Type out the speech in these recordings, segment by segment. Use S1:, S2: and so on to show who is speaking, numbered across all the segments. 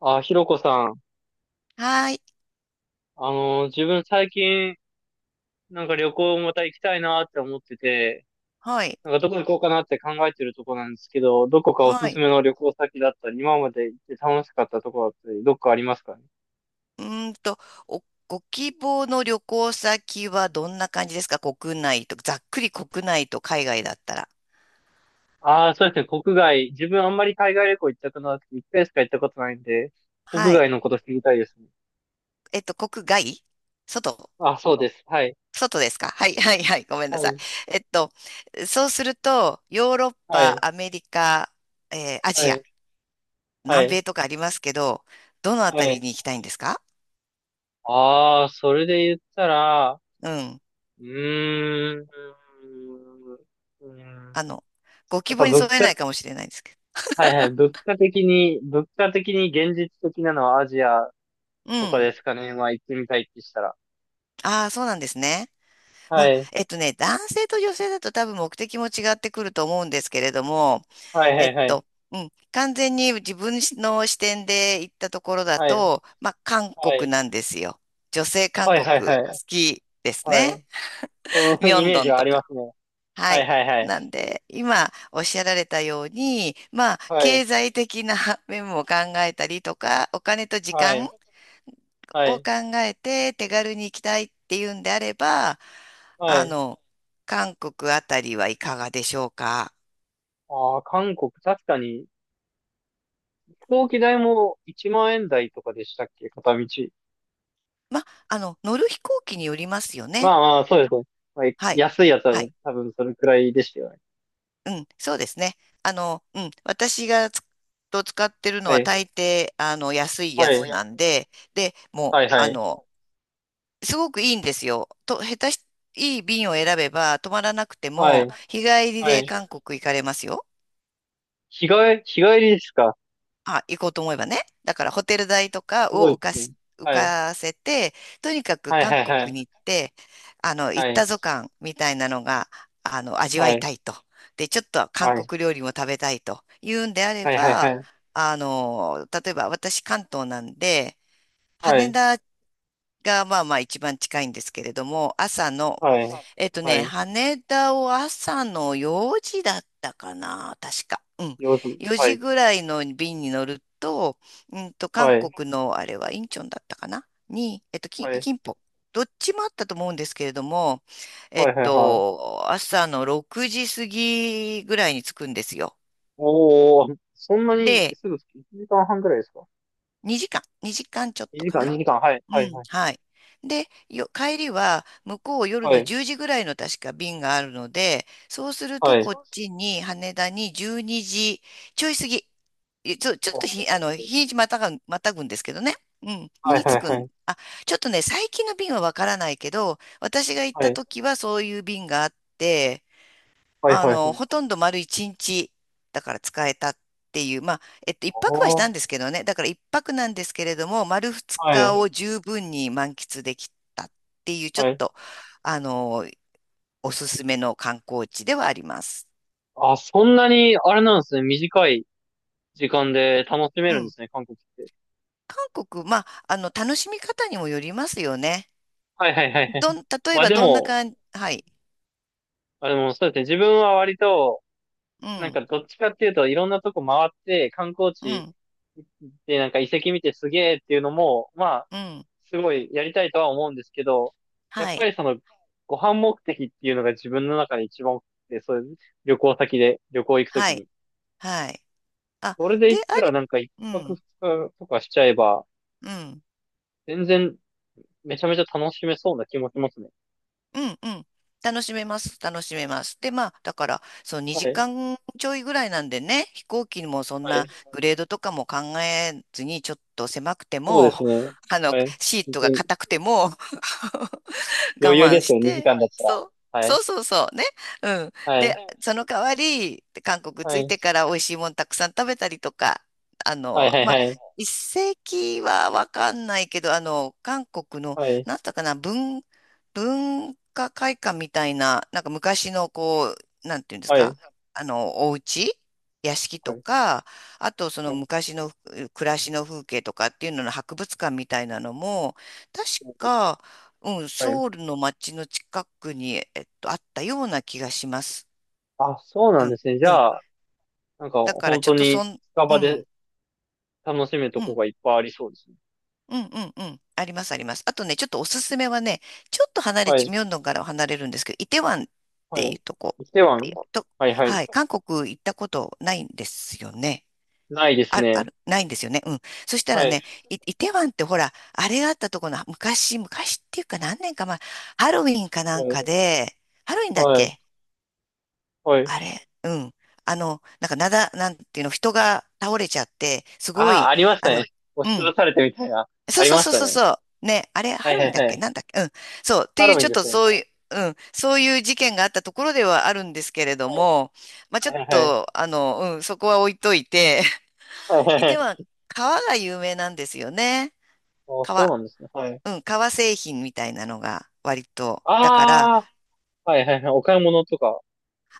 S1: あ、ひろこさん。
S2: はい、
S1: 自分最近、なんか旅行また行きたいなって思ってて、
S2: はい、
S1: なんかどこ行こうかなって考えてるとこなんですけど、どこかお
S2: は
S1: すす
S2: い。
S1: めの旅行先だったり、今まで行って楽しかったとこだったり、どっかありますかね？
S2: うーんと、お、ご希望の旅行先はどんな感じですか？国内と、ざっくり国内と海外だったら。
S1: ああ、そうですね、国外。自分あんまり海外旅行行ったことなくて、一回しか行ったことないんで、国
S2: はい。
S1: 外のこと知りたいですね。
S2: 国外、外、
S1: あ、そうです。はい。
S2: 外ですか？はい、はい、はい。ごめんな
S1: は
S2: さい。
S1: い。
S2: えっと、そうすると、ヨーロッ
S1: は
S2: パ、
S1: い。
S2: アメリカ、ア
S1: は
S2: ジア、
S1: い。は
S2: 南
S1: い。
S2: 米とかありますけど、どのあ
S1: は
S2: たり
S1: い。
S2: に行きたいんですか？
S1: ああ、それで言ったら、
S2: うん。
S1: うーん。うーん。
S2: あの、ご
S1: や
S2: 希
S1: っぱ
S2: 望に
S1: 物
S2: 添えな
S1: 価、
S2: いかもしれないんですけ
S1: はいはい、物価的に現実的なのはアジア
S2: ど。う
S1: とか
S2: ん。
S1: ですかね。まあ行ってみたいってしたら。
S2: ああ、そうなんですね。ま
S1: は
S2: あ、
S1: い。
S2: 男性と女性だと多分目的も違ってくると思うんですけれども、
S1: はいは
S2: えっ
S1: いはい。
S2: と、うん、完全に自分の視点で行ったところだ
S1: はい。
S2: と、まあ、韓
S1: は
S2: 国
S1: い。
S2: なんですよ。女性韓
S1: はいはい
S2: 国
S1: は
S2: 好
S1: い。
S2: きです
S1: は
S2: ね。
S1: い。そ
S2: ミ
S1: の
S2: ョ
S1: イ
S2: ン
S1: メー
S2: ド
S1: ジ
S2: ン
S1: はあ
S2: と
S1: りま
S2: か。
S1: すね。
S2: は
S1: はい
S2: い。
S1: はいは
S2: な
S1: い。
S2: んで、今おっしゃられたように、まあ、
S1: はい。
S2: 経済的な 面も考えたりとか、お金と時
S1: はい。
S2: 間
S1: は
S2: を
S1: い。
S2: 考えて手軽に行きたいっていうんであれば、
S1: は
S2: あ
S1: い。
S2: の、韓国あたりはいかがでしょうか。
S1: ああ、韓国、確かに、飛行機代も1万円台とかでしたっけ？片道。
S2: ま、乗る飛行機によりますよ
S1: ま
S2: ね。
S1: あまあ、そうですね。まあ、
S2: はい。
S1: 安いやつは
S2: は
S1: ね
S2: い。
S1: 多分それくらいでしたよね。
S2: うん、そうですね。うん、私が使ってるの
S1: は
S2: は
S1: い。
S2: 大抵、安いや
S1: は
S2: つ
S1: い。
S2: なんで、で、も
S1: は
S2: う、
S1: いはい。
S2: すごくいいんですよ。と、下手し、いい便を選べば、泊まらなくて
S1: は
S2: も、
S1: い。
S2: 日帰り
S1: は
S2: で
S1: い。
S2: 韓国行かれますよ。
S1: 日帰り、日帰りですか？
S2: あ、行こうと思えばね。だからホテル代とか
S1: すご
S2: を
S1: い
S2: 浮
S1: で
S2: か
S1: すね。
S2: し、浮
S1: はい。
S2: かせて、とにかく
S1: はい
S2: 韓
S1: はいは
S2: 国に
S1: い。
S2: 行って、行
S1: は
S2: った
S1: い。
S2: ぞ感みたいなのが、味わ
S1: は
S2: い
S1: い。
S2: たいと。で、ちょっと韓
S1: はい
S2: 国料理も食べたいというんであれ
S1: はいは
S2: ば、
S1: い。
S2: 例えば私関東なんで、羽
S1: はい。
S2: 田がまあまあ一番近いんですけれども、朝の、
S1: はい。はい。はい。
S2: 羽田を朝の4時だったかな、確か。うん。
S1: 夜。
S2: 4
S1: は
S2: 時
S1: い。
S2: ぐらいの便に乗ると、うんと、韓
S1: はい。
S2: 国のあれはインチョンだったかなに、
S1: はい。
S2: キンポ。どっちもあったと思うんですけれども、
S1: はいはいはい。
S2: 朝の6時過ぎぐらいに着くんですよ。
S1: おー、そんなに
S2: で、
S1: すぐ、1時間半ぐらいですか
S2: 2時間、2時間ちょっ
S1: ?2
S2: と
S1: 時
S2: か
S1: 間、
S2: な。
S1: 2時間。はい。
S2: う
S1: はい
S2: ん、
S1: はい。
S2: はい。で、よ、帰りは向こう夜
S1: は
S2: の
S1: い。
S2: 10時ぐらいの確か便があるので、そうすると
S1: はい。
S2: こっちに羽田に12時ちょい過ぎ、えちょ、ちょっ
S1: お
S2: と
S1: ー。
S2: ひ、日にちまたが、またぐんですけどね。うん、
S1: はい
S2: に
S1: は
S2: 着
S1: い
S2: く
S1: は
S2: ん。
S1: い。
S2: あ、ちょっとね、最近の便はわからないけど、私が行っ
S1: は
S2: た
S1: い。
S2: 時はそういう便があって、
S1: はいはいはい。
S2: ほとんど丸一日、だから使えたっていう、まあ、一泊はし
S1: お
S2: たんで
S1: ー。
S2: すけどね、だから一泊なんですけれども、丸二
S1: は
S2: 日
S1: い。
S2: を十分に満喫できたっていう、ちょ
S1: は
S2: っ
S1: い。
S2: と、あの、おすすめの観光地ではあります。
S1: あ、そんなに、あれなんですね。短い時間で楽しめ
S2: う
S1: るんで
S2: ん。
S1: すね、韓国って。
S2: 韓国、まあ、楽しみ方にもよりますよね。
S1: はいはいはいは
S2: ど
S1: い。
S2: ん、例え
S1: まあ
S2: ば
S1: で
S2: どんな
S1: も、
S2: 感じ？はい。
S1: あ、でもそうですね。自分は割と、
S2: う
S1: なん
S2: ん、
S1: かどっちかっていうといろんなとこ回って観光
S2: う
S1: 地
S2: ん、
S1: でなんか遺跡見てすげえっていうのも、まあ、
S2: うん。
S1: すごいやりたいとは思うんですけど、やっ
S2: は
S1: ぱ
S2: い、
S1: りその、ご飯目的っていうのが自分の中で一番多くて、そういう旅行先で、旅行行くと
S2: は
S1: きに。
S2: い、はい。あ、
S1: それで
S2: で、
S1: 行っ
S2: あ
S1: たら
S2: れ、
S1: なんか一
S2: う
S1: 泊二
S2: ん、
S1: 日とかしちゃえば、
S2: うん。
S1: 全然めちゃめちゃ楽しめそうな気もしますね。
S2: うんうん。楽しめます。楽しめます。で、まあ、だから、その
S1: は
S2: 2
S1: い。
S2: 時間ちょいぐらいなんでね、飛行機もそん
S1: はい。
S2: なグレードとかも考えずに、ちょっと狭くて
S1: そう
S2: も、
S1: ですね。はい。
S2: シー
S1: 本
S2: ト
S1: 当
S2: が
S1: に
S2: 硬くても、我
S1: 余裕
S2: 慢
S1: です
S2: し
S1: よ、2
S2: て、
S1: 時間だったら。
S2: そ
S1: はい。
S2: そうそうそう、ね。うん。
S1: はい。
S2: で、その代わり、韓国
S1: は
S2: 着い
S1: い。
S2: てから美味しいもんたくさん食べたりとか、
S1: はい、はい、
S2: ま
S1: は
S2: あ、
S1: い。
S2: 一世紀はわかんないけど、韓国の、
S1: はい、
S2: なんだったかな、文、文化会館みたいな、なんか昔のこう、なんていうんです
S1: はい、
S2: か、お家屋敷
S1: は
S2: と
S1: い。
S2: か、あとそ
S1: は
S2: の
S1: い。
S2: 昔のふ暮らしの風景とかっていうのの博物館みたいなのも、確
S1: は
S2: か、うん、
S1: いは
S2: ソウ
S1: い。
S2: ルの街の近くに、あったような気がします。
S1: あ、そうな
S2: う
S1: んで
S2: ん、
S1: すね。じ
S2: うん。
S1: ゃあ、なんか、
S2: だから、
S1: 本
S2: ちょっ
S1: 当
S2: とそ
S1: に、
S2: ん、
S1: 近
S2: う
S1: 場で
S2: ん、
S1: 楽しめると
S2: う
S1: こ
S2: ん、
S1: がいっぱいありそうですね。
S2: うん、うん、うん。あります、あります。あとね、ちょっとおすすめはね、ちょっと離れ
S1: は
S2: ち、
S1: い、
S2: ミョンドンからは離れるんですけど、イテウァンっ
S1: は
S2: ていう
S1: い。
S2: とこ、
S1: 来ては
S2: いと、
S1: はい、はい。
S2: はい、韓国行ったことないんですよね。
S1: ないです
S2: ある、あ
S1: ね。
S2: る、ないんですよね。うん。そしたら
S1: はい、
S2: ね、イ、イテウァンってほら、あれがあったところの、昔、昔っていうか何年か前、ハロウィンかなん
S1: は
S2: か
S1: い、
S2: で、ハロウィンだっ
S1: はい、
S2: け？
S1: はい。
S2: あれ、うん。なんかなだ、なんていうの、人が倒れちゃって、すご
S1: あ、
S2: い、
S1: ありました
S2: あ
S1: ね。
S2: の、う
S1: 押しつぶ
S2: ん。
S1: されてみたいな。
S2: そ
S1: あ
S2: う
S1: り
S2: そう
S1: まし
S2: そう
S1: た
S2: そう
S1: ね。
S2: そう。ね、あれ、
S1: は
S2: ハ
S1: い、
S2: ロウ
S1: は
S2: ィン
S1: い、
S2: だっ
S1: は
S2: け？
S1: い。
S2: なんだっけ？うん。そう。って
S1: ハ
S2: い
S1: ロ
S2: う、
S1: ウ
S2: ち
S1: ィン
S2: ょっ
S1: で
S2: と
S1: すね。
S2: そういう、うん。そういう事件があったところではあるんですけれど
S1: は
S2: も、まあ、ちょっ
S1: い、はい、はい。
S2: と、うん、そこは置いといて、
S1: はい、はい、
S2: い
S1: は
S2: ては
S1: い。
S2: 革が有名なんですよね。
S1: あ、そう
S2: 革。
S1: なんですね。はい。
S2: うん、革製品みたいなのが割と。だから、
S1: ああ、はい、はい、はい。お買い物とか。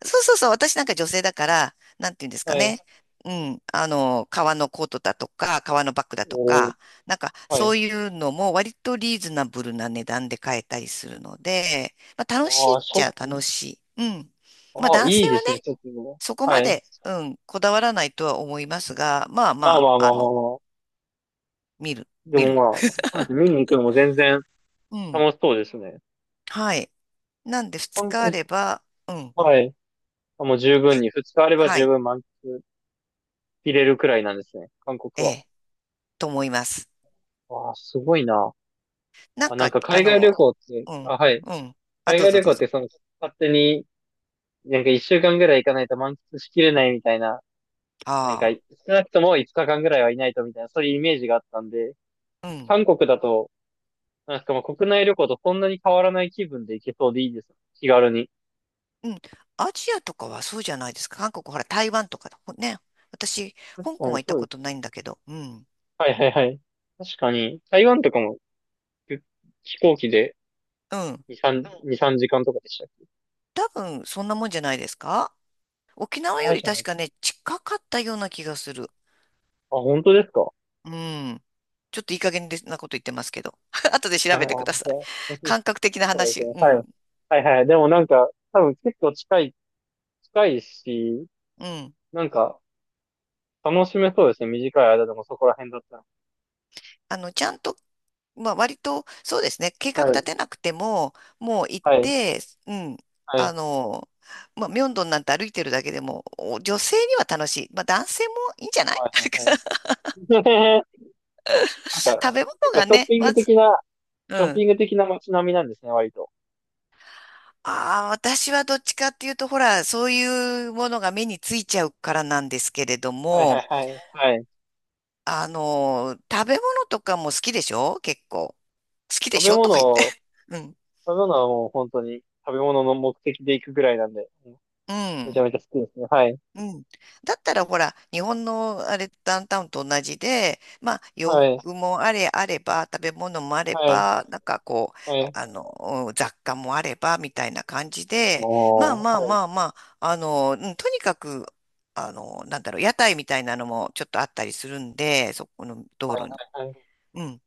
S2: そうそうそう、私なんか女性だから、なんていうんですか
S1: はい。
S2: ね。うん、革のコートだとか、革のバッグだと
S1: おー、
S2: か、なんか
S1: は
S2: そ
S1: い。
S2: ういうのも割とリーズナブルな値段で買えたりするので、まあ楽しい
S1: ああ、
S2: っ
S1: ショ
S2: ちゃ
S1: ッ
S2: 楽しい。うん。まあ
S1: ああ、
S2: 男
S1: いい
S2: 性
S1: で
S2: はね、
S1: すね、ちょっと。
S2: そこま
S1: はい。
S2: で、うん、こだわらないとは思いますが、まあま
S1: まあまあ
S2: あ、
S1: まあまあまあ。
S2: 見る、
S1: で
S2: 見
S1: も
S2: る。
S1: まあ、そうですね。見に行くのも全然
S2: うん。
S1: 楽しそうですね。
S2: はい。なんで2
S1: 韓
S2: 日あ
S1: 国、
S2: れば、うん、
S1: はい。あ、もう十分
S2: け、
S1: に、二日あれば
S2: は
S1: 十
S2: い、
S1: 分満喫入れるくらいなんですね。韓国
S2: え
S1: は。
S2: え、と思います。
S1: わあ、すごいな。
S2: なん
S1: あ、な
S2: か、
S1: んか海外旅行って、
S2: う
S1: あ、
S2: ん、
S1: はい。
S2: うん。あ、
S1: 海
S2: どう
S1: 外
S2: ぞ
S1: 旅
S2: ど
S1: 行
S2: う
S1: って
S2: ぞ。
S1: その、勝手に、なんか一週間ぐらい行かないと満喫しきれないみたいな、なんか、
S2: あ
S1: 少なくとも五日間ぐらいはいないとみたいな、そういうイメージがあったんで、
S2: あ、うん、
S1: 韓国だと、なんかまあ国内旅行とそんなに変わらない気分で行けそうでいいです。気軽に。
S2: うん。アジアとかはそうじゃないですか。韓国、ほら、台湾とかだもんね。私、
S1: 確
S2: 香
S1: か
S2: 港
S1: に
S2: は行った
S1: そうで
S2: こと
S1: す。
S2: ないんだけど、うん、
S1: はいはいはい。確かに、台湾とかも飛飛行機で
S2: うん。
S1: 2、3、2、3時間とかでしたっけ？
S2: 多分、そんなもんじゃないですか。沖縄よ
S1: あ、
S2: り
S1: じゃな
S2: 確
S1: い。
S2: かね、近かったような気がする。
S1: あ、本当ですか？は
S2: うん。ちょっといい加減でなこと言ってますけど。後で
S1: い
S2: 調
S1: はい。
S2: べ
S1: あ、
S2: てくだ
S1: じ
S2: さ
S1: ゃ
S2: い。
S1: あ、
S2: 感覚的な
S1: そうです
S2: 話。
S1: ね。
S2: う
S1: はい。
S2: ん、
S1: はいはい。でもなんか、多分結構近い、近いし、
S2: うん。
S1: なんか、楽しめそうですね。短い間でもそこら辺だったら。
S2: ちゃんとまあ、割と、そうですね、計画
S1: は
S2: 立
S1: い。
S2: てなくても、もう行っ
S1: はい。
S2: て、うん、
S1: は
S2: あ
S1: い。
S2: の、まあ、ミョンドンなんて歩いてるだけでも、お女性には楽しい。まあ、男性もいいんじゃない？
S1: はいはい はい。なんか、
S2: 食べ物
S1: 結構
S2: が
S1: ショッ
S2: ね、
S1: ピン
S2: ま
S1: グ
S2: ず、
S1: 的なショッ
S2: うん。
S1: ピング的な街並みなんですね、割と。
S2: ああ、私はどっちかっていうと、ほら、そういうものが目についちゃうからなんですけれど
S1: はいは
S2: も、
S1: いはい。はい。
S2: 食べ物とかも好きでしょ？結構。好きで
S1: 食
S2: し
S1: べ
S2: ょと
S1: 物
S2: か言って。
S1: を、
S2: うん。
S1: 食べ物はもう本当に食べ物の目的で行くぐらいなんで、
S2: う
S1: めちゃ
S2: ん。
S1: めちゃ好きですね。はい。
S2: うん。だったらほら、日本のあれ、ダウンタウンと同じで、まあ、洋
S1: はい。
S2: 服もあれあれば、食べ物もあれ
S1: はい。
S2: ば、なんかこ
S1: は
S2: う、
S1: い。
S2: うん雑貨もあれば、みたいな感じで、まあ
S1: おー、
S2: まあ
S1: はい。
S2: まあまあ、うんとにかく、なんだろう、屋台みたいなのもちょっとあったりするんで、そこの道路に、
S1: はい。
S2: うん、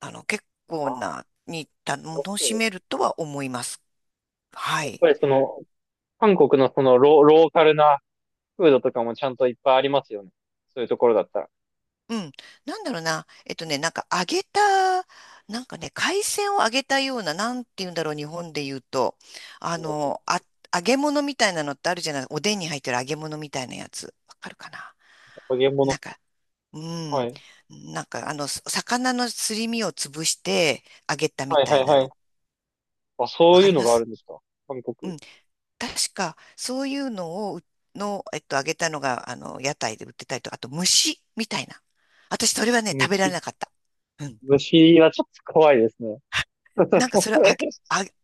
S2: 結構な、に、た楽しめるとは思います。は
S1: やっ
S2: い。
S1: ぱりその、韓国のそのローカルなフードとかもちゃんといっぱいありますよね。そういうところだったら。
S2: うん。なんだろうな。なんか揚げた、なんかね、海鮮を揚げたような、なんて言うんだろう、日本で言うと。
S1: おー。
S2: あ、揚げ物みたいなのってあるじゃない。おでんに入ってる揚げ物みたいなやつ。わかるかな？
S1: 揚げ
S2: な
S1: 物。
S2: んか、う
S1: は
S2: ん。
S1: い。
S2: なんか、す魚のすり身を潰して揚げたみ
S1: はい
S2: た
S1: は
S2: い
S1: い
S2: な
S1: はい。
S2: の。
S1: あ、
S2: わ
S1: そうい
S2: か
S1: う
S2: り
S1: の
S2: ま
S1: がある
S2: す？
S1: んですか？韓
S2: う
S1: 国。
S2: ん。確か、そういうのをう、の、揚げたのが、屋台で売ってたりと、あと、蒸しみたいな。私、それはね、食べら
S1: む、
S2: れなかった。うん。
S1: 虫はちょっと怖いですね。
S2: なんかそれあげ、あ げ、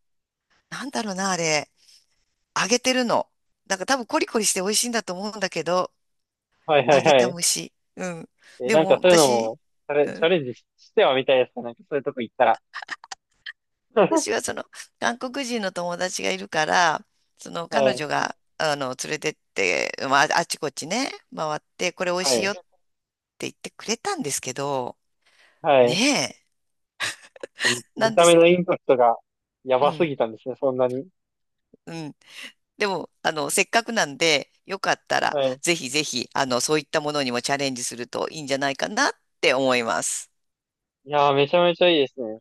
S2: なんだろうな、あれ。揚げてるの。なんか多分コリコリして美味しいんだと思うんだけど、
S1: はいは
S2: 揚
S1: い
S2: げ
S1: は
S2: た
S1: い。
S2: 蒸し。うん。
S1: え、
S2: で
S1: なんか
S2: も
S1: そういうの
S2: 私、
S1: も、
S2: う
S1: チャ
S2: ん。
S1: レンジしてはみたいですね。なんかそういうとこ行ったら。
S2: 私は その韓国人の友達がいるから、その
S1: は
S2: 彼
S1: い、
S2: 女が、連れてって、まあ、あちこちね、回って、これ美味
S1: は
S2: しい
S1: い、
S2: よって言ってくれたんですけど、
S1: はい。
S2: ねえ、な
S1: 見
S2: ん
S1: た
S2: で
S1: 目
S2: す、
S1: のインパクトがや
S2: う
S1: ばす
S2: ん、
S1: ぎたんですね、そんなに。
S2: うん。でも、せっかくなんで、よかったら、
S1: はい。
S2: ぜひぜひ、そういったものにもチャレンジするといいんじゃないかなって思います。
S1: いやー、めちゃめちゃいいですね。